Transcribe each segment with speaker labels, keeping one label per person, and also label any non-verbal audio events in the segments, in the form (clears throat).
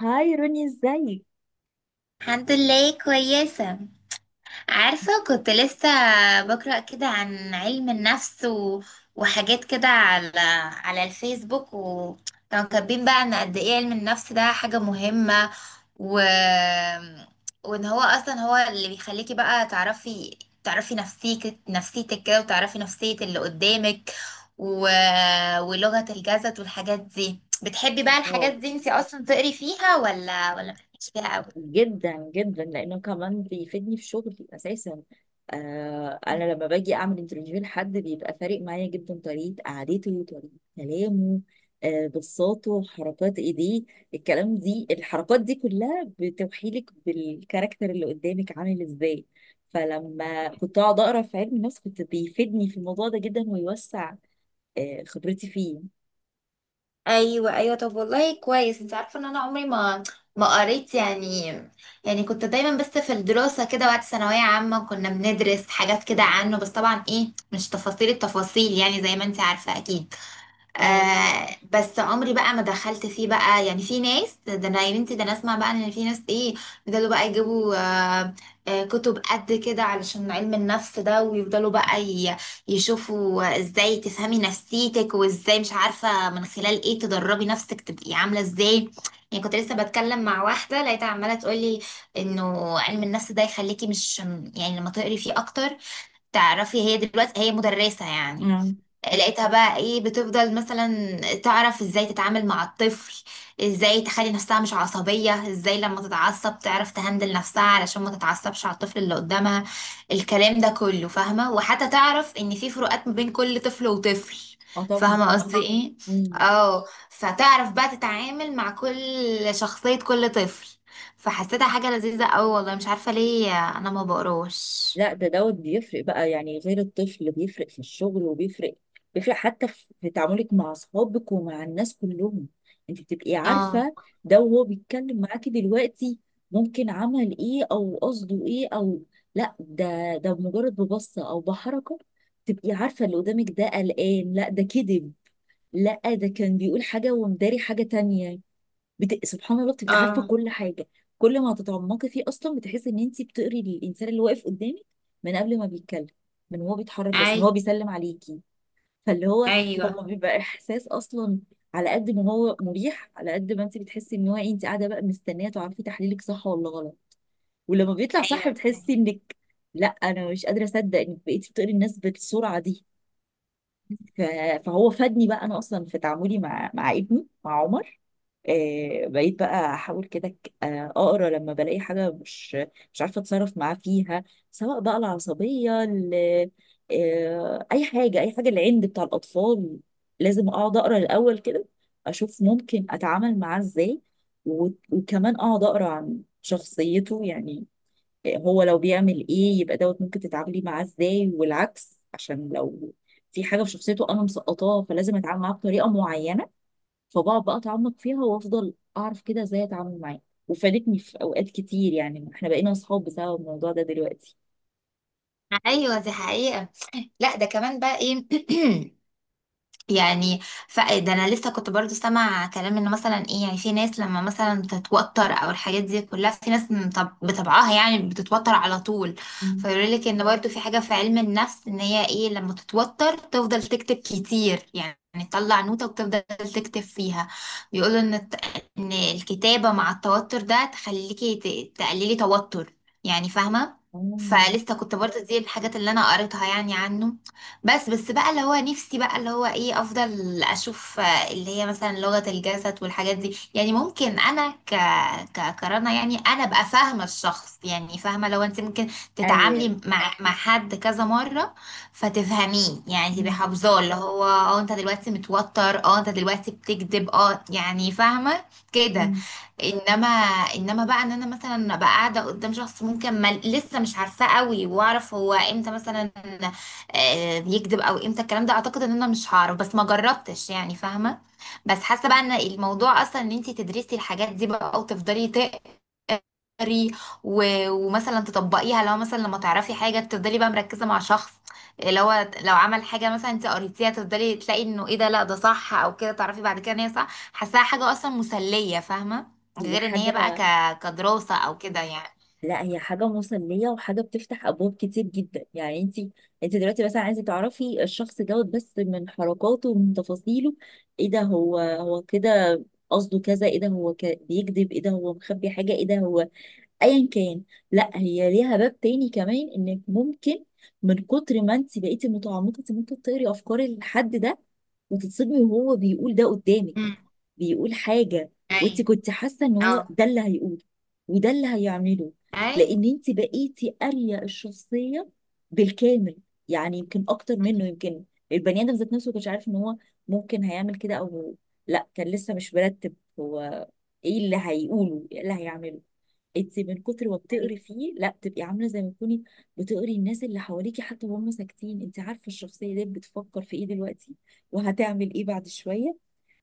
Speaker 1: هاي روني، ازيك؟
Speaker 2: الحمد لله كويسة. عارفة كنت لسه بقرأ كده عن علم النفس و... وحاجات كده على الفيسبوك، وكانوا كاتبين بقى ان قد ايه علم النفس ده حاجة مهمة، و... وان هو اصلا هو اللي بيخليكي بقى تعرفي نفسيك نفسيتك كده، وتعرفي نفسية اللي قدامك، و... ولغة الجسد والحاجات دي. بتحبي بقى الحاجات
Speaker 1: الله.
Speaker 2: دي انتي اصلا تقري فيها ولا مالكيش فيها قوي؟
Speaker 1: جدا جدا، لانه كمان بيفيدني في شغلي اساسا. انا لما باجي اعمل انترفيو لحد بيبقى فارق معايا جدا، طريقه قعدته، طريقه كلامه، بصاته، حركات ايديه. الكلام دي الحركات دي كلها بتوحيلك بالكاركتر اللي قدامك عامل ازاي. فلما كنت اقعد اقرا في علم النفس كنت بيفيدني في الموضوع ده جدا، ويوسع خبرتي فيه.
Speaker 2: ايوه، ايوه. طب والله كويس، انت عارفه ان انا عمري ما قريت يعني كنت دايما بس في الدراسه كده، وقت ثانويه عامه كنا بندرس حاجات كده
Speaker 1: اه.
Speaker 2: عنه، بس طبعا ايه مش تفاصيل التفاصيل، يعني زي ما انت عارفه اكيد.
Speaker 1: اه.
Speaker 2: آه، بس عمري بقى ما دخلت فيه بقى، يعني في ناس، ده انا يا بنتي ده انا اسمع بقى ان في ناس ايه بيفضلوا بقى يجيبوا كتب قد كده علشان علم النفس ده، ويفضلوا بقى يشوفوا ازاي تفهمي نفسيتك، وازاي مش عارفة من خلال ايه تدربي نفسك تبقي عاملة ازاي. يعني كنت لسه بتكلم مع واحدة لقيتها عمالة تقولي انه علم النفس ده يخليكي مش، يعني لما تقري فيه اكتر تعرفي، هي دلوقتي هي مدرسة يعني، لقيتها بقى ايه بتفضل مثلا تعرف ازاي تتعامل مع الطفل، ازاي تخلي نفسها مش عصبية، ازاي لما تتعصب تعرف تهندل نفسها علشان ما تتعصبش على الطفل اللي قدامها. الكلام ده كله فاهمة، وحتى تعرف ان في فروقات ما بين كل طفل وطفل.
Speaker 1: آه.
Speaker 2: فاهمة قصدي ايه؟
Speaker 1: طبعا.
Speaker 2: اه. فتعرف بقى تتعامل مع كل شخصية كل طفل، فحسيتها حاجة لذيذة اوي، والله مش عارفة ليه، انا ما بقروش.
Speaker 1: لا، ده دوت بيفرق بقى، يعني غير الطفل بيفرق في الشغل، وبيفرق حتى في تعاملك مع اصحابك ومع الناس كلهم. انت بتبقي
Speaker 2: اه،
Speaker 1: عارفه ده وهو بيتكلم معاكي دلوقتي، ممكن عمل ايه او قصده ايه، او لا ده مجرد ببصه او بحركه تبقي عارفه اللي قدامك ده قلقان، لا ده كذب، لا ده كان بيقول حاجه ومداري حاجه تانية. سبحان الله، بتبقي عارفه
Speaker 2: اه،
Speaker 1: كل حاجه. كل ما تتعمقي فيه اصلا بتحسي ان انت بتقري الانسان اللي واقف قدامك من قبل ما بيتكلم، من هو بيتحرك، بس من
Speaker 2: اي.
Speaker 1: هو بيسلم عليكي. فاللي هو
Speaker 2: ايوه،
Speaker 1: هو بيبقى احساس اصلا، على قد ما هو مريح على قد ما انت بتحسي ان هو إيه. انت قاعده بقى مستنيه تعرفي تحليلك صح ولا غلط، ولما بيطلع صح
Speaker 2: ايوه.
Speaker 1: بتحسي انك لا، انا مش قادره اصدق انك بقيتي بتقري الناس بالسرعه دي. ف... فهو فادني بقى انا اصلا في تعاملي مع ابني، مع عمر. بقيت بقى احاول كده، اقرا لما بلاقي حاجه مش عارفه اتصرف معاه فيها، سواء بقى العصبيه اي حاجه، اي حاجه، العند بتاع الاطفال، لازم اقعد اقرا الاول كده اشوف ممكن اتعامل معاه ازاي. وكمان اقعد اقرا عن شخصيته يعني، هو لو بيعمل ايه يبقى دوت ممكن تتعاملي معاه ازاي، والعكس عشان لو في حاجه في شخصيته انا مسقطاها فلازم اتعامل معاه بطريقه معينه. فبقعد بقى اتعمق فيها وافضل اعرف كده ازاي اتعامل معاه، وفادتني في اوقات كتير. يعني احنا بقينا اصحاب بسبب الموضوع ده دلوقتي.
Speaker 2: ايوه، دي حقيقة. لا، ده كمان بقى ايه. (clears throat) يعني ده انا لسه كنت برضو سامع كلام انه مثلا ايه، يعني في ناس لما مثلا تتوتر او الحاجات دي كلها، في ناس من بطبعها يعني بتتوتر على طول.
Speaker 1: مم.
Speaker 2: فيقول لك ان برضو في حاجة في علم النفس، ان هي ايه لما تتوتر تفضل تكتب كتير، يعني تطلع نوتة وتفضل تكتب فيها. بيقولوا ان ان الكتابة مع التوتر ده تخليكي تقللي توتر، يعني فاهمة.
Speaker 1: مم.
Speaker 2: فلسه كنت برضو دي الحاجات اللي انا قريتها يعني عنه. بس بقى اللي هو نفسي بقى اللي هو ايه، افضل اشوف اللي هي مثلا لغة الجسد والحاجات دي، يعني ممكن انا ك ك كرنا يعني، انا ابقى فاهمة الشخص، يعني فاهمة لو انت ممكن تتعاملي
Speaker 1: ايوه.
Speaker 2: مع حد كذا مرة فتفهميه، يعني تبقي
Speaker 1: مم.
Speaker 2: حافظاه اللي هو اه انت دلوقتي متوتر، اه انت دلوقتي بتكذب، اه يعني فاهمة كده.
Speaker 1: مم.
Speaker 2: انما انما بقى ان انا مثلا ابقى قاعده قدام شخص ممكن ما لسه مش عارفاه قوي، واعرف هو امتى مثلا بيكذب، او امتى الكلام ده، اعتقد ان انا مش هعرف، بس ما جربتش يعني فاهمه. بس حاسه بقى ان الموضوع اصلا ان انت تدرسي الحاجات دي بقى وتفضلي تقري، و- ومثلا تطبقيها، لو مثلا لما تعرفي حاجه تفضلي بقى مركزه مع شخص، لو لو عمل حاجه مثلا انت قريتيها، تفضلي تلاقي انه ايه ده، لا ده صح، او كده تعرفي بعد كده ان هي صح. حاساها حاجه اصلا مسليه فاهمه،
Speaker 1: هي
Speaker 2: غير ان هي بقى
Speaker 1: حاجة،
Speaker 2: كدراسه او كده يعني.
Speaker 1: لا هي حاجة مسلية وحاجة بتفتح أبواب كتير جدا. يعني انت انت دلوقتي مثلا عايزة تعرفي الشخص دوت بس من حركاته ومن تفاصيله، ايه ده، هو كده؟ قصده كذا، ايه ده هو بيكذب، ايه ده هو مخبي حاجة، ايه ده هو ايا كان. لا هي ليها باب تاني كمان، انك ممكن من كتر ما انت بقيتي متعمقه انت ممكن تقري افكار الحد ده وتتصدمي، وهو بيقول ده قدامك،
Speaker 2: امم،
Speaker 1: بيقول حاجه وانت
Speaker 2: اي،
Speaker 1: كنت حاسه ان هو
Speaker 2: اه،
Speaker 1: ده اللي هيقوله وده اللي هيعمله، لان انت بقيتي قاريه الشخصيه بالكامل. يعني يمكن اكتر منه، يمكن البني ادم ذات نفسه ما كانش عارف ان هو ممكن هيعمل كده، او لا، كان لسه مش مرتب هو ايه اللي هيقوله ايه اللي هيعمله. انت من كتر ما
Speaker 2: اي.
Speaker 1: بتقري فيه لا بتبقي عامله زي ما تكوني بتقري الناس اللي حواليكي حتى وهم ساكتين، انت عارفه الشخصيه دي بتفكر في ايه دلوقتي وهتعمل ايه بعد شويه.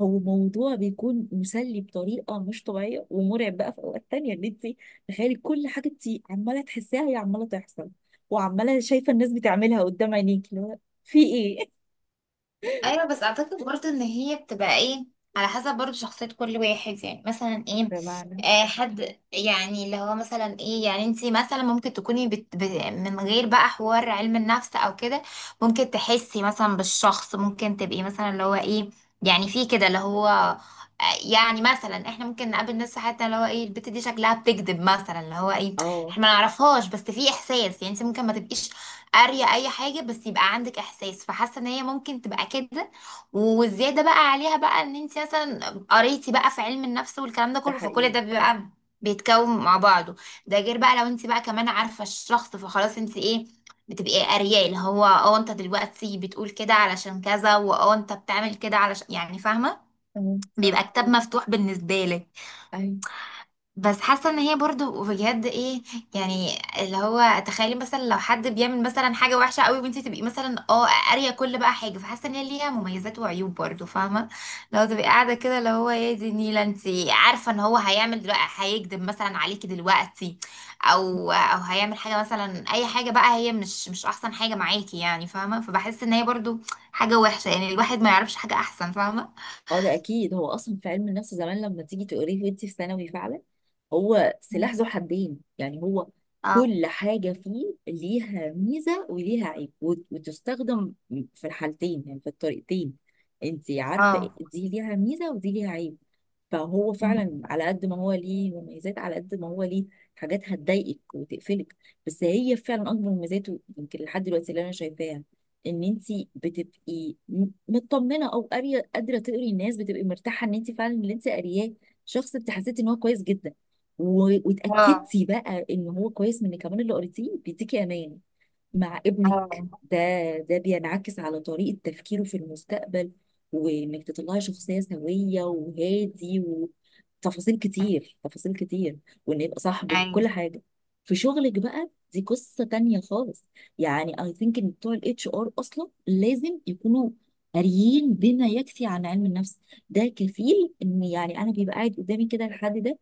Speaker 1: هو موضوع بيكون مسلي بطريقه مش طبيعيه، ومرعب بقى في اوقات تانية ان انت تخيلي كل حاجه انت عماله تحسيها هي عماله تحصل، وعماله شايفه الناس بتعملها قدام عينيكي، اللي هو في ايه.
Speaker 2: ايوه، بس اعتقد برضه ان هي بتبقى ايه، على حسب برضه شخصية كل واحد، يعني مثلا
Speaker 1: (laughs)
Speaker 2: ايه،
Speaker 1: بمعنى
Speaker 2: آه، حد يعني اللي هو مثلا ايه، يعني انتي مثلا ممكن تكوني بت ب من غير بقى حوار علم النفس او كده، ممكن تحسي مثلا بالشخص، ممكن تبقي مثلا اللي هو ايه، يعني في كده اللي هو آه، يعني مثلا احنا ممكن نقابل ناس في حياتنا اللي هو ايه، البت دي شكلها بتكذب مثلا، اللي هو ايه
Speaker 1: اه.
Speaker 2: احنا ما نعرفهاش، بس في احساس، يعني انت ممكن ما تبقيش قارية أي حاجة، بس يبقى عندك إحساس، فحاسة إن هي ممكن تبقى كده. والزيادة بقى عليها بقى إن أنت مثلا قريتي بقى في علم النفس والكلام ده
Speaker 1: ده
Speaker 2: كله، فكل
Speaker 1: حقيقي.
Speaker 2: ده بيبقى بيتكون مع بعضه. ده غير بقى لو أنت بقى كمان عارفة الشخص، فخلاص أنت إيه، بتبقي قارية اللي هو اه أنت دلوقتي بتقول كده علشان كذا، واه أنت بتعمل كده علشان، يعني فاهمة،
Speaker 1: اه صح.
Speaker 2: بيبقى كتاب مفتوح بالنسبة لك.
Speaker 1: ايوه.
Speaker 2: بس حاسه ان هي برضو بجد ايه، يعني اللي هو تخيلي مثلا لو حد بيعمل مثلا حاجه وحشه قوي وانت تبقي مثلا اه قاريه كل بقى حاجه، فحاسه ان هي ليها مميزات وعيوب برضو فاهمه. لو تبقي قاعده كده اللي هو ايه دي نيله، انت عارفه ان هو هيعمل دلوقتي، هيكذب مثلا عليكي دلوقتي، او هيعمل حاجه مثلا اي حاجه بقى، هي مش احسن حاجه معاكي، يعني فاهمه. فبحس ان هي برضو حاجه وحشه، يعني الواحد ما يعرفش حاجه احسن، فاهمه.
Speaker 1: اه، ده اكيد. هو اصلا في علم النفس زمان لما تيجي تقريه وانت في ثانوي، فعلا هو
Speaker 2: مم.
Speaker 1: سلاح ذو حدين. يعني هو
Speaker 2: اه،
Speaker 1: كل حاجه فيه ليها ميزه وليها عيب، وتستخدم في الحالتين، يعني في الطريقتين. انت عارفه
Speaker 2: اه.
Speaker 1: دي ليها ميزه ودي ليها عيب. فهو
Speaker 2: مم.
Speaker 1: فعلا على قد ما هو ليه مميزات على قد ما هو ليه حاجات هتضايقك وتقفلك. بس هي فعلا اكبر مميزاته يمكن لحد دلوقتي اللي انا شايفاها ان انت بتبقي مطمنه، او قاريه، قادره تقري الناس بتبقي مرتاحه ان انت فعلا اللي انت قارياه شخص انت حسيتي ان هو كويس جدا،
Speaker 2: اه،
Speaker 1: واتاكدتي بقى ان هو كويس من كمان اللي قريتيه بيديكي امان. مع ابنك
Speaker 2: اه.
Speaker 1: ده، ده بينعكس على طريقة تفكيره في المستقبل، وإنك تطلعي شخصية سوية وهادي، وتفاصيل كتير تفاصيل كتير، وإن يبقى صاحبك كل
Speaker 2: ايوه،
Speaker 1: حاجة. في شغلك بقى دي قصة تانية خالص. يعني I think إن بتوع ال HR أصلا لازم يكونوا قاريين بما يكفي عن علم النفس. ده كفيل. إن يعني أنا بيبقى قاعد قدامي كده الحد ده،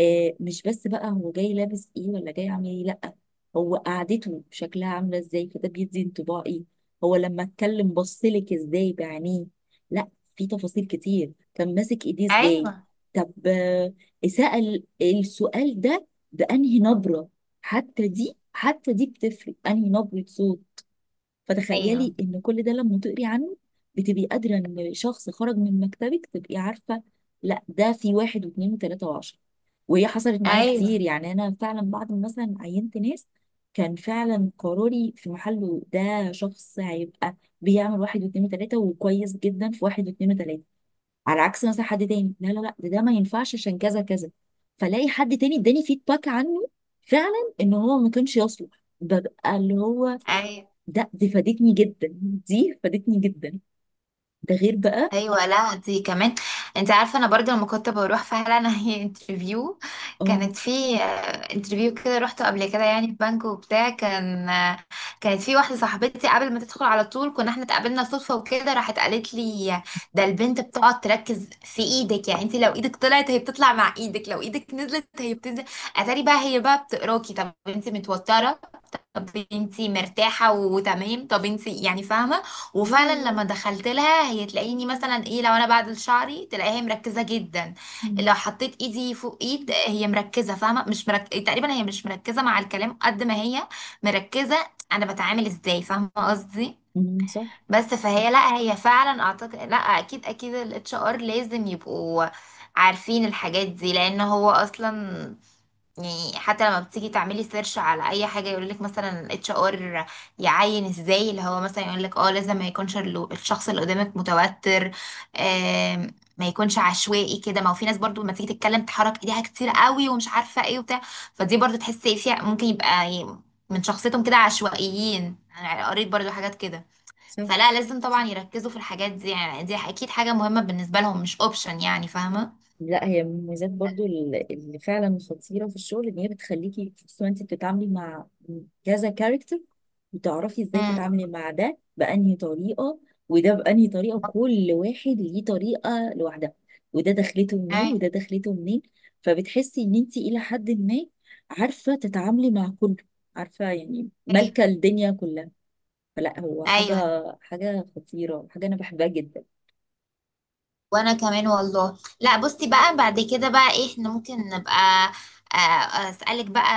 Speaker 1: آه مش بس بقى هو جاي لابس ايه ولا جاي عامل ايه، لا، هو قعدته شكلها عامله ازاي، فده بيدي انطباع ايه، هو لما اتكلم بصلك ازاي بعينيه، لا في تفاصيل كتير، كان ماسك ايديه ازاي،
Speaker 2: ايوه،
Speaker 1: طب آه، سأل السؤال ده بأنهي نبرة. حتى دي، حتى دي بتفرق، أنهي نبرة صوت.
Speaker 2: ايوه.
Speaker 1: فتخيلي إن كل ده لما تقري عنه بتبقي قادرة إن شخص خرج من مكتبك تبقي عارفة لا ده في واحد واثنين وثلاثة و10. وهي حصلت معايا
Speaker 2: ايوه،
Speaker 1: كتير، يعني انا فعلا بعد ما مثلا عينت ناس كان فعلا قراري في محله، ده شخص هيبقى بيعمل واحد واتنين وتلاته وكويس جدا في واحد واتنين وتلاته، على عكس مثلا حد تاني، لا لا لا، ده ما ينفعش عشان كذا كذا. فلاقي حد تاني اداني فيدباك عنه فعلا ان هو ما كانش يصلح، ببقى اللي هو
Speaker 2: ايوه،
Speaker 1: ده. دي فادتني جدا، دي فادتني جدا. ده غير بقى
Speaker 2: ايوه، لا دي كمان. انت عارفه انا برضو لما كنت بروح فعلا (laughs) هي انترفيو،
Speaker 1: اه.
Speaker 2: كانت في انترفيو كده روحته قبل كده، يعني في بنك وبتاع، كانت في واحده صاحبتي قبل ما تدخل على طول، كنا احنا اتقابلنا صدفه وكده، راحت قالت لي ده البنت بتقعد تركز في ايدك، يعني انت لو ايدك طلعت هي بتطلع مع ايدك، لو ايدك نزلت هي بتنزل. اتاري بقى هي بقى بتقراكي، طب انت متوتره، طب انتي مرتاحة وتمام، طب انتي يعني فاهمة. وفعلا
Speaker 1: أيوة.
Speaker 2: لما دخلت لها هي تلاقيني مثلا ايه، لو انا بعدل شعري تلاقيها مركزة جدا،
Speaker 1: مم.
Speaker 2: لو حطيت ايدي فوق ايد هي مركزة، فاهمة مش تقريبا هي مش مركزة مع الكلام قد ما هي مركزة انا بتعامل ازاي، فاهمة قصدي.
Speaker 1: مم، صح.
Speaker 2: بس فهي لا، هي فعلا اعتقد، لا اكيد اكيد الاتش ار لازم يبقوا عارفين الحاجات دي، لان هو اصلا يعني حتى لما بتيجي تعملي سيرش على اي حاجه يقول لك مثلا الاتش ار يعين ازاي، اللي هو مثلا يقول لك اه لازم ما يكونش الشخص اللي قدامك متوتر، ما يكونش عشوائي كده، ما هو في ناس برضو لما تيجي تتكلم تحرك ايديها كتير قوي ومش عارفه ايه وبتاع، فدي برضو تحسي فيها ممكن يبقى من شخصيتهم كده عشوائيين، انا قريت برضو حاجات كده.
Speaker 1: صح.
Speaker 2: فلا لازم طبعا يركزوا في الحاجات دي، يعني دي اكيد حاجه مهمه بالنسبه لهم، مش اوبشن، يعني فاهمه.
Speaker 1: لا هي من المميزات برضو اللي فعلا خطيرة في الشغل، ان هي بتخليكي خصوصا انت بتتعاملي مع كذا كاركتر، بتعرفي ازاي
Speaker 2: امم.
Speaker 1: تتعاملي مع ده بأنهي طريقة وده بأنهي طريقة، كل واحد ليه طريقة لوحدها، وده دخلته منين
Speaker 2: ايوه،
Speaker 1: وده دخلته منين. فبتحسي ان انت الى حد ما عارفة تتعاملي مع كله، عارفة يعني مالكة الدنيا كلها. فلا هو حاجة،
Speaker 2: ايوه،
Speaker 1: حاجة خطيرة، حاجة انا بحبها جدا.
Speaker 2: وانا كمان والله. لا بصي بقى بعد كده بقى إيه، احنا ممكن نبقى اسالك بقى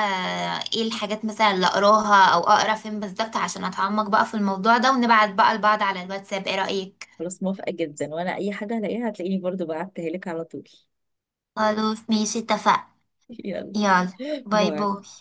Speaker 2: ايه الحاجات مثلا اللي اقراها او اقرا فين بالظبط عشان اتعمق بقى في الموضوع ده، ونبعت بقى لبعض على الواتساب، ايه رأيك؟
Speaker 1: خلاص، موافقة جدا، وانا اي حاجة هلاقيها هتلاقيني برضو بعتها لك على طول.
Speaker 2: خلاص ماشي اتفقنا.
Speaker 1: (laughs) يلا.
Speaker 2: يلا. باي،
Speaker 1: باي.
Speaker 2: باي.